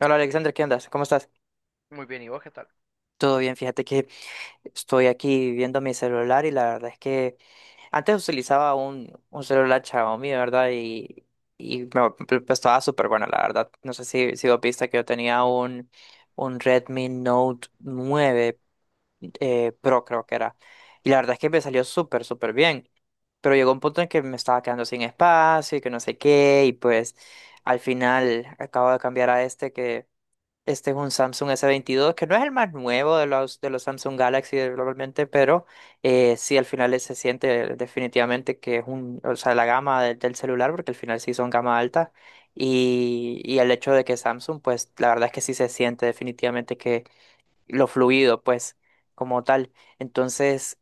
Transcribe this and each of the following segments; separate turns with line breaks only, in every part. Hola Alexander, ¿qué andas? ¿Cómo estás?
Muy bien, ¿y vos qué tal?
Todo bien, fíjate que estoy aquí viendo mi celular y la verdad es que antes utilizaba un celular Xiaomi, ¿verdad? Y estaba súper bueno, la verdad. No sé si vos viste que yo tenía un Redmi Note 9 Pro, creo que era. Y la verdad es que me salió súper bien. Pero llegó un punto en que me estaba quedando sin espacio y que no sé qué. Y pues al final acabo de cambiar a este. Es un Samsung s veintidós que no es el más nuevo de los Samsung Galaxy globalmente, pero sí al final se siente definitivamente que es un, o sea, la gama del celular, porque al final sí son gama alta, y el hecho de que Samsung, pues la verdad es que sí se siente definitivamente que lo fluido, pues como tal. Entonces,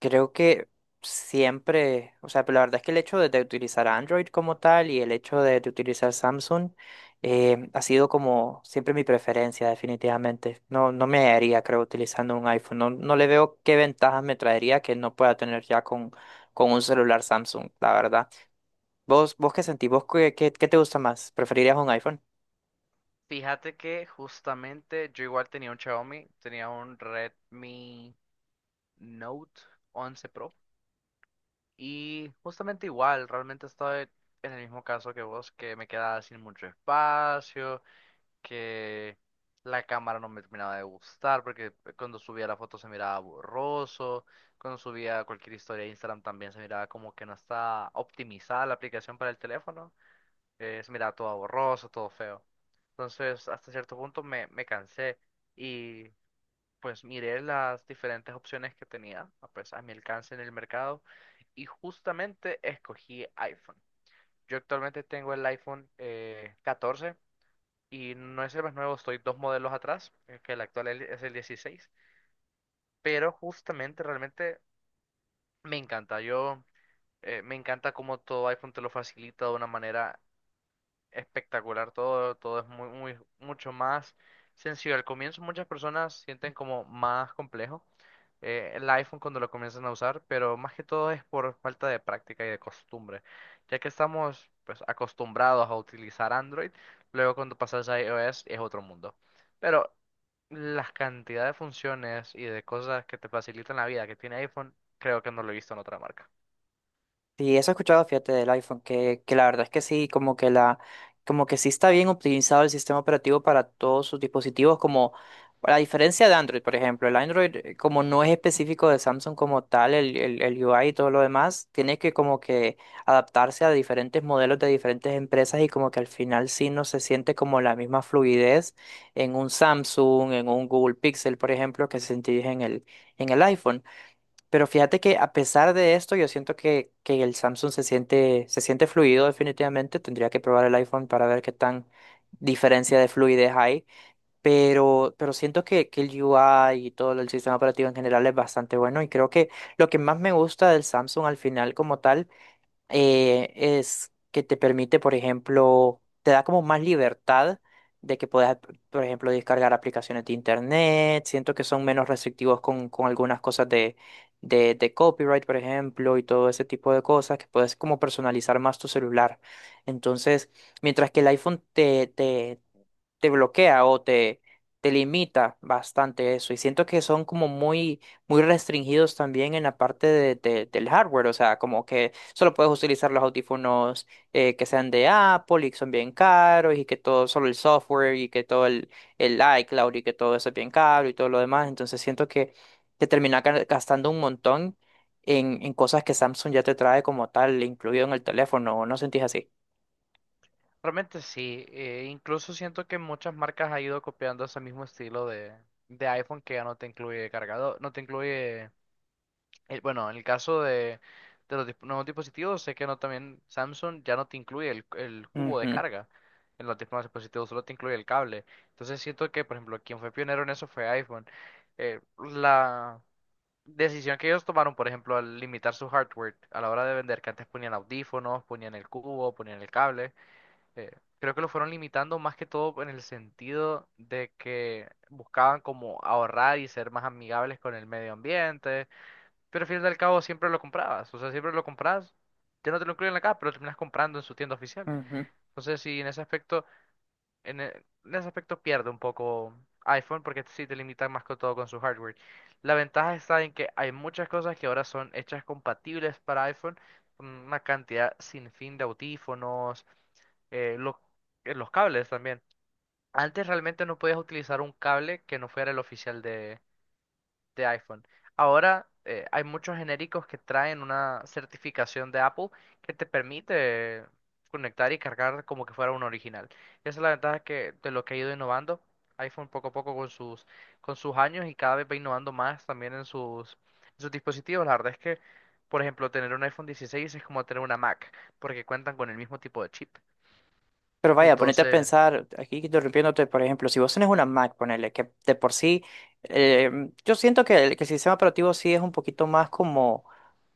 Creo que siempre, o sea, pero la verdad es que el hecho de utilizar Android como tal y el hecho de utilizar Samsung ha sido como siempre mi preferencia, definitivamente. No, no me haría, creo, utilizando un iPhone. No, no le veo qué ventajas me traería que no pueda tener ya con un celular Samsung, la verdad. ¿Vos, vos qué sentís? ¿Vos qué, qué, qué te gusta más? ¿Preferirías un iPhone?
Fíjate que justamente yo igual tenía un Xiaomi, tenía un Redmi Note 11 Pro. Y justamente igual, realmente estaba en el mismo caso que vos, que me quedaba sin mucho espacio, que la cámara no me terminaba de gustar porque cuando subía la foto se miraba borroso, cuando subía cualquier historia a Instagram también se miraba como que no estaba optimizada la aplicación para el teléfono. Se miraba todo borroso, todo feo. Entonces, hasta cierto punto me cansé y pues miré las diferentes opciones que tenía, pues a mi alcance en el mercado, y justamente escogí iPhone. Yo actualmente tengo el iPhone 14, y no es el más nuevo, estoy dos modelos atrás, que el actual es el 16, pero justamente realmente me encanta. Yo Me encanta cómo todo iPhone te lo facilita de una manera espectacular. Todo, todo es muy, muy, mucho más sencillo. Al comienzo muchas personas sienten como más complejo el iPhone cuando lo comienzan a usar, pero más que todo es por falta de práctica y de costumbre, ya que estamos pues acostumbrados a utilizar Android, luego cuando pasas a iOS es otro mundo. Pero las cantidad de funciones y de cosas que te facilitan la vida que tiene iPhone, creo que no lo he visto en otra marca.
Sí, eso he escuchado, fíjate, del iPhone, que la verdad es que sí, como que la, como que sí está bien optimizado el sistema operativo para todos sus dispositivos, como a diferencia de Android, por ejemplo, el Android, como no es específico de Samsung como tal, el UI y todo lo demás, tiene que como que adaptarse a diferentes modelos de diferentes empresas y como que al final sí no se siente como la misma fluidez en un Samsung, en un Google Pixel, por ejemplo, que se sentís en el iPhone. Pero fíjate que a pesar de esto, yo siento que el Samsung se siente fluido definitivamente. Tendría que probar el iPhone para ver qué tan diferencia de fluidez hay. Pero siento que el UI y todo el sistema operativo en general es bastante bueno. Y creo que lo que más me gusta del Samsung al final como tal es que te permite, por ejemplo, te da como más libertad de que puedas, por ejemplo, descargar aplicaciones de internet. Siento que son menos restrictivos con algunas cosas de copyright, por ejemplo, y todo ese tipo de cosas, que puedes como personalizar más tu celular. Entonces, mientras que el iPhone te bloquea o te limita bastante eso. Y siento que son como muy restringidos también en la parte de, del hardware. O sea, como que solo puedes utilizar los audífonos que sean de Apple y que son bien caros y que todo, solo el software y que todo el iCloud y que todo eso es bien caro y todo lo demás. Entonces siento que te termina gastando un montón. En cosas que Samsung ya te trae como tal, incluido en el teléfono, ¿o no sentís así?
Realmente sí, incluso siento que muchas marcas han ido copiando ese mismo estilo de iPhone, que ya no te incluye cargador, no te incluye, bueno, en el caso de los nuevos dispositivos, sé que no, también Samsung ya no te incluye el cubo de
Ujú,
carga, en los nuevos dispositivos solo te incluye el cable. Entonces siento que, por ejemplo, quien fue pionero en eso fue iPhone. La decisión que ellos tomaron, por ejemplo, al limitar su hardware a la hora de vender, que antes ponían audífonos, ponían el cubo, ponían el cable, eh, creo que lo fueron limitando más que todo en el sentido de que buscaban como ahorrar y ser más amigables con el medio ambiente, pero al fin y al cabo siempre lo comprabas, o sea, siempre lo compras, ya no te lo incluyen acá, pero lo terminas comprando en su tienda oficial.
ujú.
Entonces, sí, en ese aspecto, en ese aspecto pierde un poco iPhone porque sí te limitan más que todo con su hardware. La ventaja está en que hay muchas cosas que ahora son hechas compatibles para iPhone, una cantidad sin fin de audífonos, eh, los, los cables también. Antes realmente no podías utilizar un cable que no fuera el oficial de iPhone. Ahora hay muchos genéricos que traen una certificación de Apple que te permite conectar y cargar como que fuera un original. Esa es la ventaja, que, de lo que ha ido innovando iPhone poco a poco con sus años, y cada vez va innovando más también en sus dispositivos. La verdad es que, por ejemplo, tener un iPhone 16 es como tener una Mac porque cuentan con el mismo tipo de chip.
Pero vaya, ponete a
Entonces,
pensar, aquí interrumpiéndote, por ejemplo, si vos tenés una Mac, ponele, que de por sí, eh, yo siento que el sistema operativo sí es un poquito más como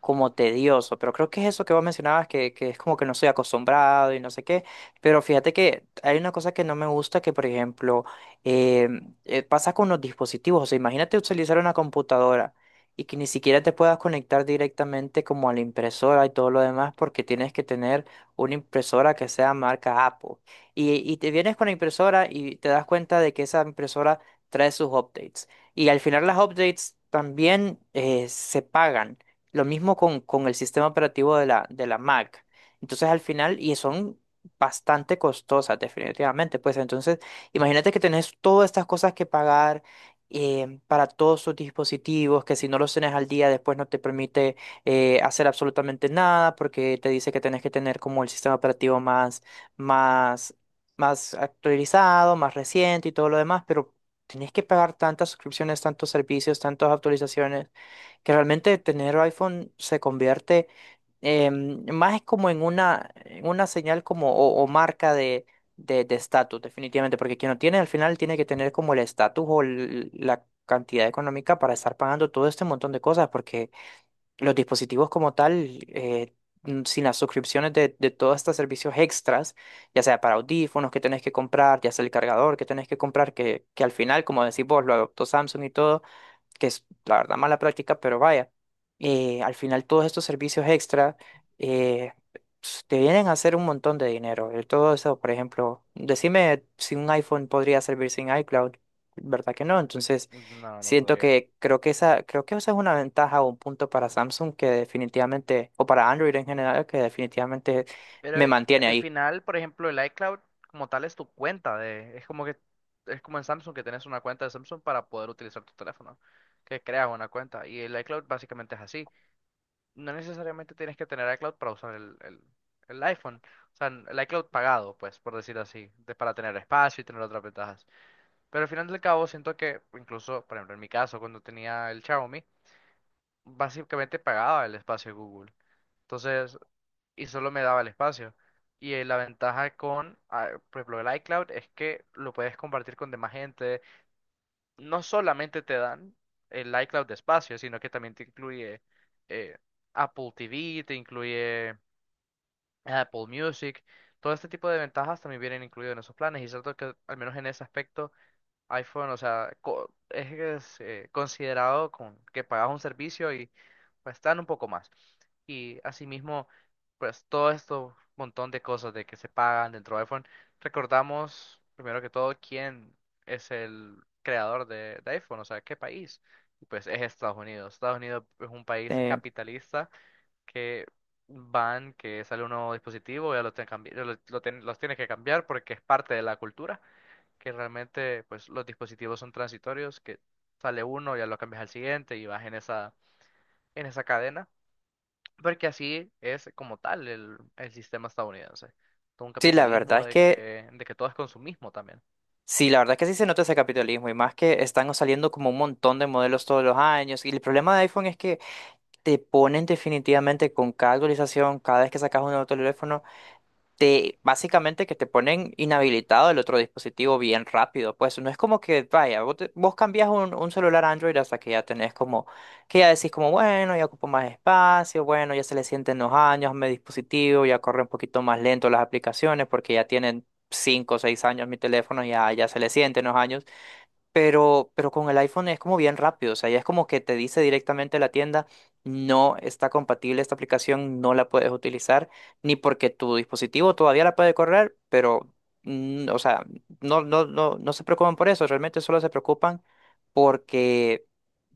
como tedioso, pero creo que es eso que vos mencionabas, que es como que no estoy acostumbrado y no sé qué, pero fíjate que hay una cosa que no me gusta, que por ejemplo eh, pasa con los dispositivos, o sea, imagínate utilizar una computadora y que ni siquiera te puedas conectar directamente como a la impresora y todo lo demás, porque tienes que tener una impresora que sea marca Apple. Y te vienes con la impresora y te das cuenta de que esa impresora trae sus updates. Y al final las updates también se pagan. Lo mismo con el sistema operativo de la Mac. Entonces, al final, y son bastante costosas, definitivamente. Pues entonces, imagínate que tenés todas estas cosas que pagar para todos sus dispositivos, que si no los tenés al día, después no te permite hacer absolutamente nada, porque te dice que tenés que tener como el sistema operativo más, más actualizado, más reciente y todo lo demás, pero tenés que pagar tantas suscripciones, tantos servicios, tantas actualizaciones que realmente tener iPhone se convierte más es como en una señal como o marca de estatus, definitivamente, porque quien lo tiene al final tiene que tener como el estatus o la cantidad económica para estar pagando todo este montón de cosas, porque los dispositivos como tal, sin las suscripciones de todos estos servicios extras, ya sea para audífonos que tenés que comprar, ya sea el cargador que tenés que comprar, que al final, como decís vos, lo adoptó Samsung y todo que es la verdad mala práctica, pero vaya, al final todos estos servicios extra eh, te vienen a hacer un montón de dinero. Todo eso, por ejemplo, decime si un iPhone podría servir sin iCloud, ¿verdad que no? Entonces,
no, no
siento
podría.
que creo que esa es una ventaja o un punto para Samsung que definitivamente, o para Android en general, que definitivamente
Pero
me mantiene
al
ahí.
final, por ejemplo, el iCloud como tal es tu cuenta de, es como que es como en Samsung, que tienes una cuenta de Samsung para poder utilizar tu teléfono, que creas una cuenta, y el iCloud básicamente es así. No necesariamente tienes que tener iCloud para usar el iPhone, o sea, el iCloud pagado, pues, por decir así, para tener espacio y tener otras ventajas. Pero al final del cabo siento que incluso, por ejemplo, en mi caso cuando tenía el Xiaomi, básicamente pagaba el espacio de Google. Entonces, y solo me daba el espacio. Y la ventaja con, por ejemplo, el iCloud es que lo puedes compartir con demás gente. No solamente te dan el iCloud de espacio, sino que también te incluye eh, Apple TV, te incluye Apple Music. Todo este tipo de ventajas también vienen incluidos en esos planes. Y es cierto que, al menos en ese aspecto, iPhone, o sea, considerado con que pagas un servicio y pues dan un poco más. Y asimismo, pues todo esto montón de cosas de que se pagan dentro de iPhone. Recordamos, primero que todo, quién es el creador de iPhone, o sea, qué país. Y pues es Estados Unidos. Estados Unidos es un país
Eh,
capitalista que van, que sale un nuevo dispositivo, ya lo tienen los tiene que cambiar porque es parte de la cultura, que realmente pues los dispositivos son transitorios, que sale uno, ya lo cambias al siguiente y vas en esa cadena. Porque así es como tal el sistema estadounidense. Todo un
sí, la verdad
capitalismo
es
de
que
de que todo es consumismo también.
sí, la verdad que sí se nota ese capitalismo y más que están saliendo como un montón de modelos todos los años. Y el problema de iPhone es que te ponen definitivamente con cada actualización, cada vez que sacas un nuevo teléfono te básicamente que te ponen inhabilitado el otro dispositivo bien rápido. Pues no es como que, vaya, vos, vos cambias un celular Android hasta que ya tenés como, que ya decís como, bueno, ya ocupo más espacio, bueno, ya se le sienten los años a mi dispositivo, ya corre un poquito más lento las aplicaciones porque ya tienen 5 o 6 años mi teléfono, ya, ya se le sienten los años. Pero con el iPhone es como bien rápido, o sea, ya es como que te dice directamente la tienda, no está compatible esta aplicación, no la puedes utilizar, ni porque tu dispositivo todavía la puede correr, pero, mm, o sea, no, no, no, no se preocupan por eso, realmente solo se preocupan porque,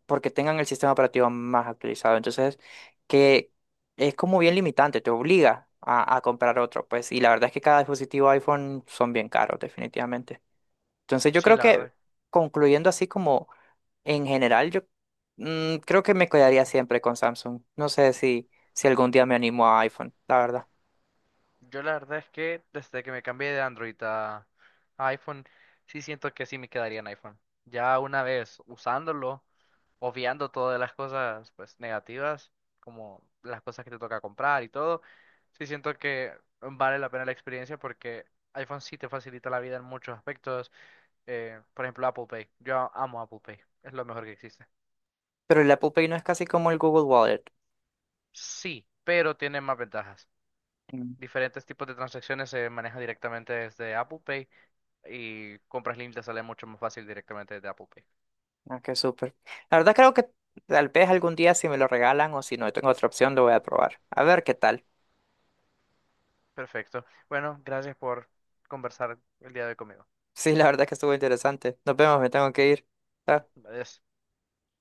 porque tengan el sistema operativo más actualizado. Entonces, que es como bien limitante, te obliga a comprar otro, pues, y la verdad es que cada dispositivo iPhone son bien caros, definitivamente. Entonces yo
Sí,
creo
la
que
verdad.
concluyendo así como en general, yo creo que me quedaría siempre con Samsung. No sé si, si algún día me animo a iPhone, la verdad.
Yo la verdad es que desde que me cambié de Android a iPhone, sí siento que sí me quedaría en iPhone. Ya una vez usándolo, obviando todas las cosas pues negativas, como las cosas que te toca comprar y todo, sí siento que vale la pena la experiencia porque iPhone sí te facilita la vida en muchos aspectos. Por ejemplo, Apple Pay. Yo amo Apple Pay. Es lo mejor que existe.
Pero el Apple Pay no es casi como el Google Wallet.
Sí, pero tiene más ventajas.
Mm,
Diferentes tipos de transacciones se manejan directamente desde Apple Pay, y compras líneas sale mucho más fácil directamente desde Apple Pay.
ah, qué súper. La verdad creo que tal vez algún día si me lo regalan o si no tengo otra opción lo voy a probar. A ver qué tal.
Perfecto. Bueno, gracias por conversar el día de hoy conmigo.
Sí, la verdad que estuvo interesante. Nos vemos, me tengo que ir. Chao.
Adiós.